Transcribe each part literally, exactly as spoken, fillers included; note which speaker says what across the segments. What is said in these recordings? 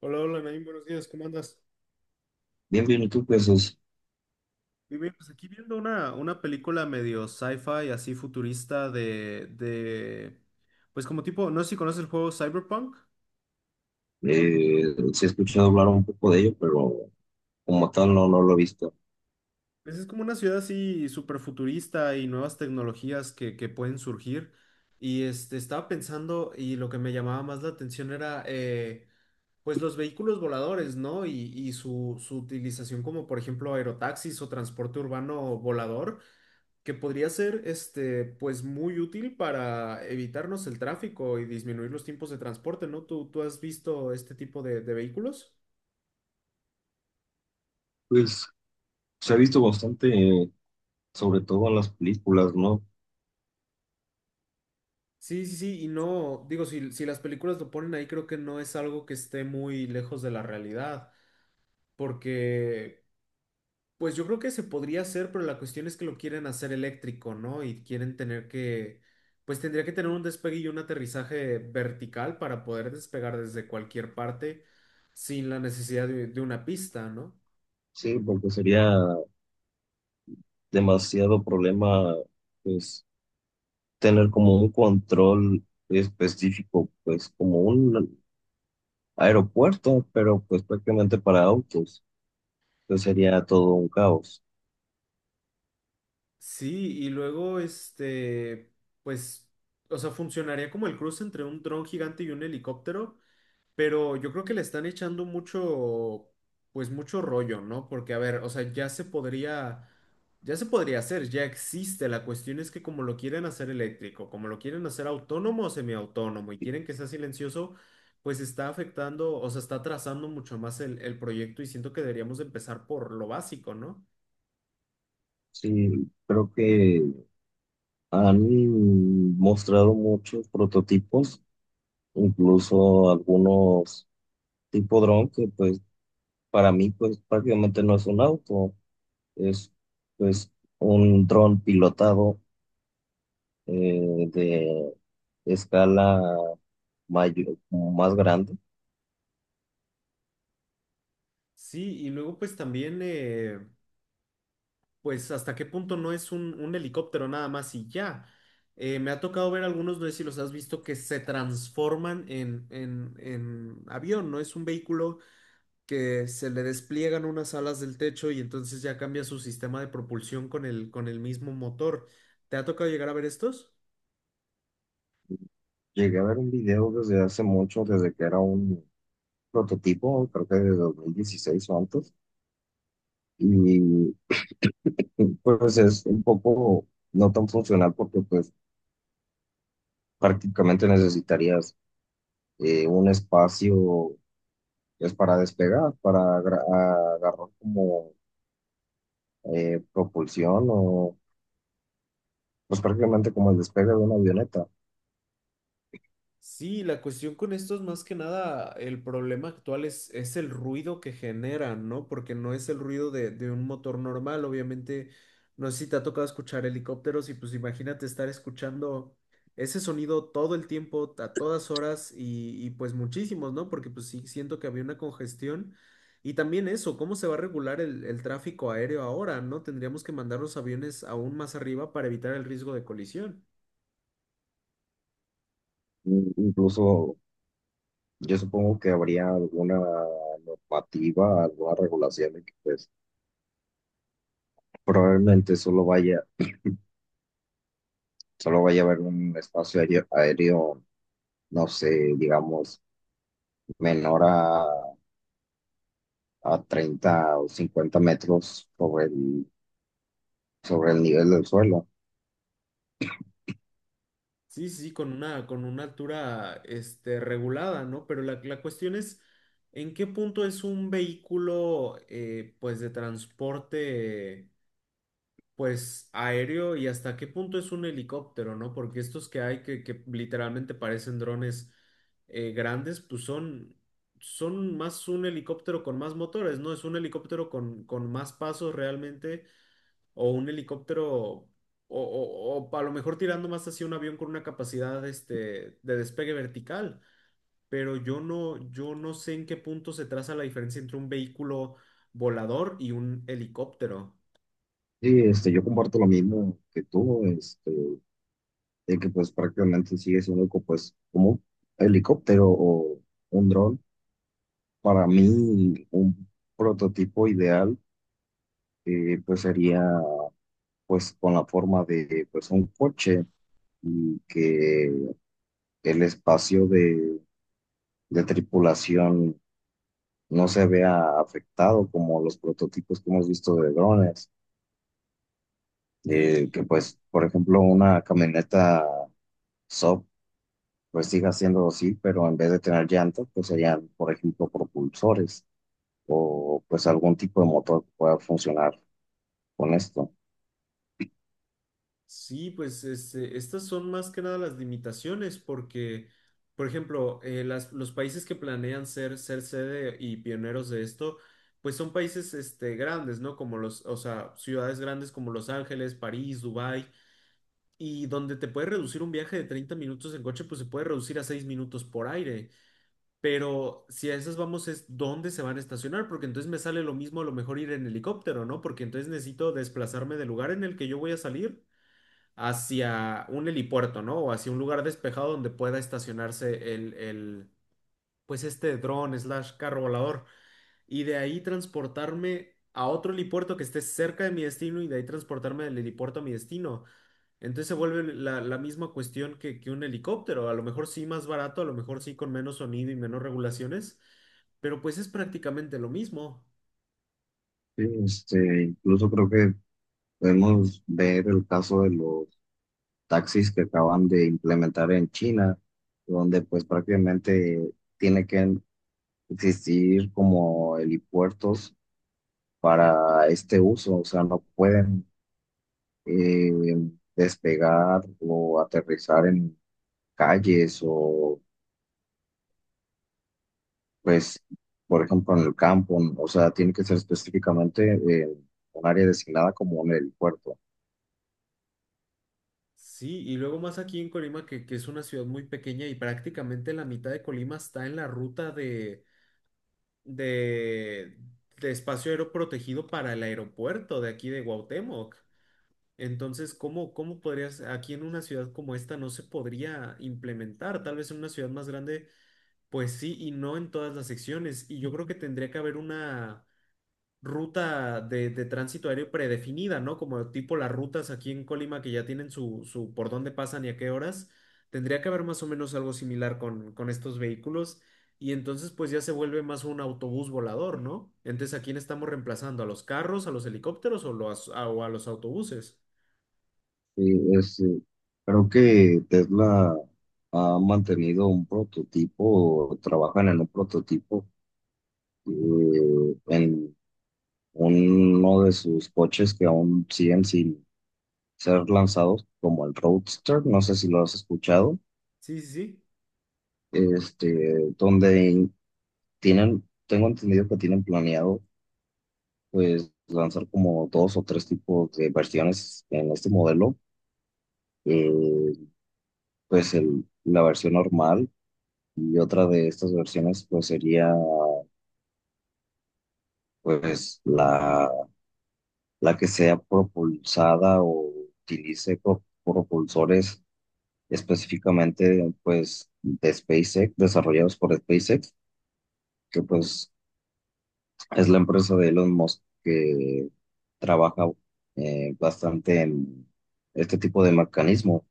Speaker 1: Hola, hola, Naim, buenos días, ¿cómo andas?
Speaker 2: Bien, bien, y tú pues es,
Speaker 1: Muy bien, pues aquí viendo una, una película medio sci-fi, así futurista de, de, pues como tipo, no sé si conoces el juego Cyberpunk.
Speaker 2: eh, sí, he escuchado hablar un poco de ello, pero como tal no, no lo he visto.
Speaker 1: Pues es como una ciudad así súper futurista y nuevas tecnologías que, que pueden surgir. Y este, estaba pensando, y lo que me llamaba más la atención era eh, pues los vehículos voladores, ¿no? Y, y su, su utilización como por ejemplo aerotaxis o transporte urbano volador, que podría ser este, pues muy útil para evitarnos el tráfico y disminuir los tiempos de transporte, ¿no? ¿Tú, tú has visto este tipo de, de vehículos?
Speaker 2: Pues se ha visto bastante, eh, sobre todo en las películas, ¿no?
Speaker 1: Sí, sí, sí, y no, digo, si, si las películas lo ponen ahí, creo que no es algo que esté muy lejos de la realidad, porque, pues yo creo que se podría hacer, pero la cuestión es que lo quieren hacer eléctrico, ¿no? Y quieren tener que, pues tendría que tener un despegue y un aterrizaje vertical para poder despegar desde cualquier parte sin la necesidad de, de una pista, ¿no?
Speaker 2: Sí, porque sería demasiado problema, pues, tener como un control específico, pues, como un aeropuerto, pero pues prácticamente para autos, pues sería todo un caos.
Speaker 1: Sí, y luego, este, pues, o sea, funcionaría como el cruce entre un dron gigante y un helicóptero. Pero yo creo que le están echando mucho, pues mucho rollo, ¿no? Porque, a ver, o sea, ya se podría, ya se podría hacer, ya existe. La cuestión es que como lo quieren hacer eléctrico, como lo quieren hacer autónomo o semiautónomo y quieren que sea silencioso, pues está afectando, o sea, está atrasando mucho más el, el proyecto y siento que deberíamos de empezar por lo básico, ¿no?
Speaker 2: Sí, creo que han mostrado muchos prototipos, incluso algunos tipo dron, que pues para mí pues prácticamente no es un auto, es pues un dron pilotado, eh, de escala mayor, más grande.
Speaker 1: Sí, y luego pues también, eh, pues hasta qué punto no es un, un helicóptero nada más y ya. Eh, me ha tocado ver algunos, no sé si los has visto, que se transforman en, en, en avión, ¿no? Es un vehículo que se le despliegan unas alas del techo y entonces ya cambia su sistema de propulsión con el, con el mismo motor. ¿Te ha tocado llegar a ver estos?
Speaker 2: Llegué a ver un video desde hace mucho, desde que era un prototipo, creo que de dos mil dieciséis o antes, y pues es un poco no tan funcional, porque pues prácticamente necesitarías eh, un espacio pues para despegar, para agra- agarrar como eh, propulsión, o pues prácticamente como el despegue de una avioneta.
Speaker 1: Sí, la cuestión con esto es más que nada, el problema actual es, es el ruido que generan, ¿no? Porque no es el ruido de, de un motor normal, obviamente, no sé si te ha tocado escuchar helicópteros y pues imagínate estar escuchando ese sonido todo el tiempo, a todas horas y, y pues muchísimos, ¿no? Porque pues sí, siento que había una congestión. Y también eso, ¿cómo se va a regular el, el tráfico aéreo ahora, ¿no? Tendríamos que mandar los aviones aún más arriba para evitar el riesgo de colisión.
Speaker 2: In- Incluso yo supongo que habría alguna normativa, alguna regulación de que pues probablemente solo vaya, solo vaya a haber un espacio aéreo, aéreo, no sé, digamos, menor a, a treinta o cincuenta metros sobre el, sobre el nivel del suelo.
Speaker 1: Sí, sí, sí, con una, con una altura, este, regulada, ¿no? Pero la, la cuestión es, ¿en qué punto es un vehículo, eh, pues, de transporte, pues, aéreo y hasta qué punto es un helicóptero, ¿no? Porque estos que hay que, que literalmente parecen drones, eh, grandes, pues son, son más un helicóptero con más motores, ¿no? Es un helicóptero con, con más pasos realmente o un helicóptero, o, o- o a lo mejor tirando más hacia un avión con una capacidad este, de despegue vertical. Pero yo no, yo no sé en qué punto se traza la diferencia entre un vehículo volador y un helicóptero.
Speaker 2: Sí, este, yo comparto lo mismo que tú, este, de que pues prácticamente sigue siendo co- pues como un helicóptero o un dron. Para mí un prototipo ideal, eh, pues sería pues con la forma de pues un coche, y que el espacio de, de tripulación no se vea afectado como los prototipos que hemos visto de drones. eh,
Speaker 1: Sí,
Speaker 2: que
Speaker 1: y,
Speaker 2: pues por ejemplo una camioneta S O P pues siga siendo así, pero en vez de tener llantas pues serían por ejemplo propulsores. Pues algún tipo de motor que pueda funcionar con esto.
Speaker 1: sí, pues este, estas son más que nada las limitaciones, porque, por ejemplo, eh, las- los países que planean ser, ser sede y pioneros de esto, pues son países este, grandes, ¿no? Como los, o sea, ciudades grandes como Los Ángeles, París, Dubái. Y donde te puede reducir un viaje de treinta minutos en coche, pues se puede reducir a seis minutos por aire. Pero si a esas vamos es dónde se van a estacionar, porque entonces me sale lo mismo a lo mejor ir en helicóptero, ¿no? Porque entonces necesito desplazarme del lugar en el que yo voy a salir hacia un helipuerto, ¿no? O hacia un lugar despejado donde pueda estacionarse el, el, pues este dron slash carro volador y de ahí transportarme a otro helipuerto que esté cerca de mi destino y de ahí transportarme del helipuerto a mi destino. Entonces se vuelve la, la misma cuestión que, que un helicóptero, a lo mejor sí más barato, a lo mejor sí con menos sonido y menos regulaciones, pero pues es prácticamente lo mismo.
Speaker 2: Sí, este, incluso creo que podemos ver el caso de los taxis que acaban de implementar en China, donde pues prácticamente tiene que existir como helipuertos para este uso, o sea, no pueden eh, despegar o aterrizar en calles, o Pues, por ejemplo, en el campo, ¿no? O sea, tiene que ser específicamente eh, un área designada como en el puerto.
Speaker 1: Sí, y luego más aquí en Colima, que, que es una ciudad muy pequeña y prácticamente la mitad de Colima está en la ruta de, de, de espacio aéreo protegido para el aeropuerto de aquí de Cuauhtémoc. Entonces, ¿cómo, cómo podrías, aquí en una ciudad como esta no se podría implementar? Tal vez en una ciudad más grande. Pues sí, y no en todas las secciones. Y yo creo que tendría que haber una ruta de, de tránsito aéreo predefinida, ¿no? Como tipo las rutas aquí en Colima que ya tienen su, su por dónde pasan y a qué horas. Tendría que haber más o menos algo similar con, con estos vehículos. Y entonces pues ya se vuelve más un autobús volador, ¿no? Entonces, ¿a quién estamos reemplazando? ¿A los carros, a los helicópteros o, los, a- o a los autobuses?
Speaker 2: Y es, eh, creo que Tesla ha mantenido un prototipo, o trabajan en un prototipo eh, en uno de sus coches que aún siguen sin ser lanzados, como el Roadster, no sé si lo has escuchado.
Speaker 1: Sí, sí, sí.
Speaker 2: Este, donde tienen, tengo entendido que tienen planeado pues lanzar como dos o tres tipos de versiones en este modelo, eh, pues el, la versión normal, y otra de estas versiones pues sería pues la, la que sea propulsada o utilice pro- propulsores, específicamente pues de SpaceX, desarrollados por SpaceX, que pues es la empresa de Elon Musk, que trabaja eh, bastante en este tipo de mecanismo.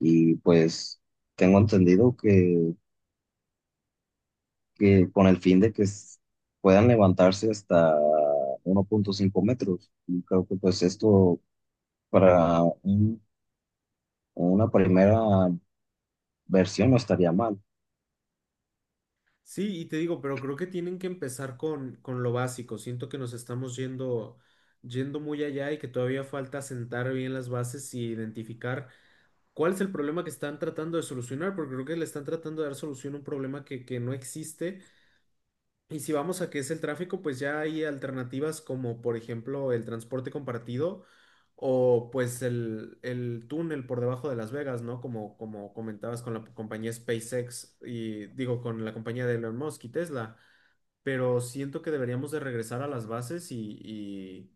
Speaker 2: Y pues tengo entendido que, que con el fin de que s- puedan levantarse hasta uno punto cinco metros. Y creo que pues esto para un- una primera versión no estaría mal.
Speaker 1: Sí, y te digo, pero creo que tienen que empezar con, con lo básico. Siento que nos estamos yendo, yendo muy allá y que todavía falta sentar bien las bases y identificar cuál es el problema que están tratando de solucionar, porque creo que le están tratando de dar solución a un problema que, que no existe. Y si vamos a que es el tráfico, pues ya hay alternativas como, por ejemplo, el transporte compartido o pues el, el túnel por debajo de Las Vegas, ¿no? Como, como comentabas con la compañía SpaceX y digo, con la compañía de Elon Musk y Tesla, pero siento que deberíamos de regresar a las bases y, y,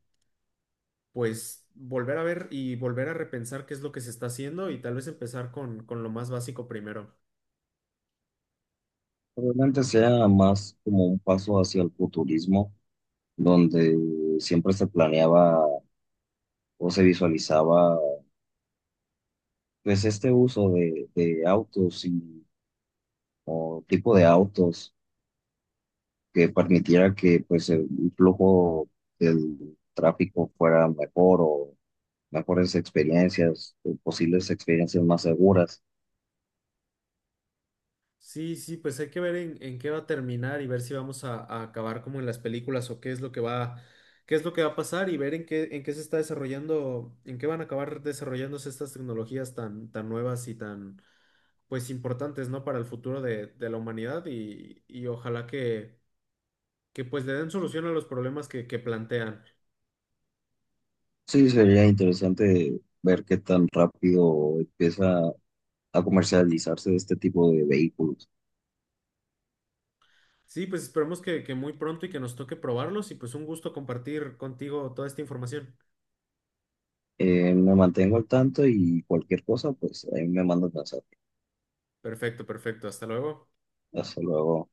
Speaker 1: pues volver a ver y volver a repensar qué es lo que se está haciendo y tal vez empezar con, con lo más básico primero.
Speaker 2: Probablemente sea más como un paso hacia el futurismo, donde siempre se planeaba o se visualizaba pues este uso de, de autos, y o tipo de autos que permitiera que pues el flujo del tráfico fuera mejor, o mejores experiencias, o posibles experiencias más seguras.
Speaker 1: Sí, sí, pues hay que ver en, en qué va a terminar y ver si vamos a, a acabar como en las películas o qué es lo que va, qué es lo que va a pasar y ver en qué, en qué se está desarrollando, en qué van a acabar desarrollándose estas tecnologías tan, tan nuevas y tan, pues importantes, ¿no? Para el futuro de, de la humanidad y, y ojalá que que pues le den solución a los problemas que, que plantean.
Speaker 2: Sí, sería interesante ver qué tan rápido empieza a comercializarse este tipo de vehículos.
Speaker 1: Sí, pues esperemos que, que muy pronto y que nos toque probarlos y pues un gusto compartir contigo toda esta información.
Speaker 2: Eh, me mantengo al tanto y cualquier cosa, pues ahí me mandas mensaje.
Speaker 1: Perfecto, perfecto. Hasta luego.
Speaker 2: Hasta luego.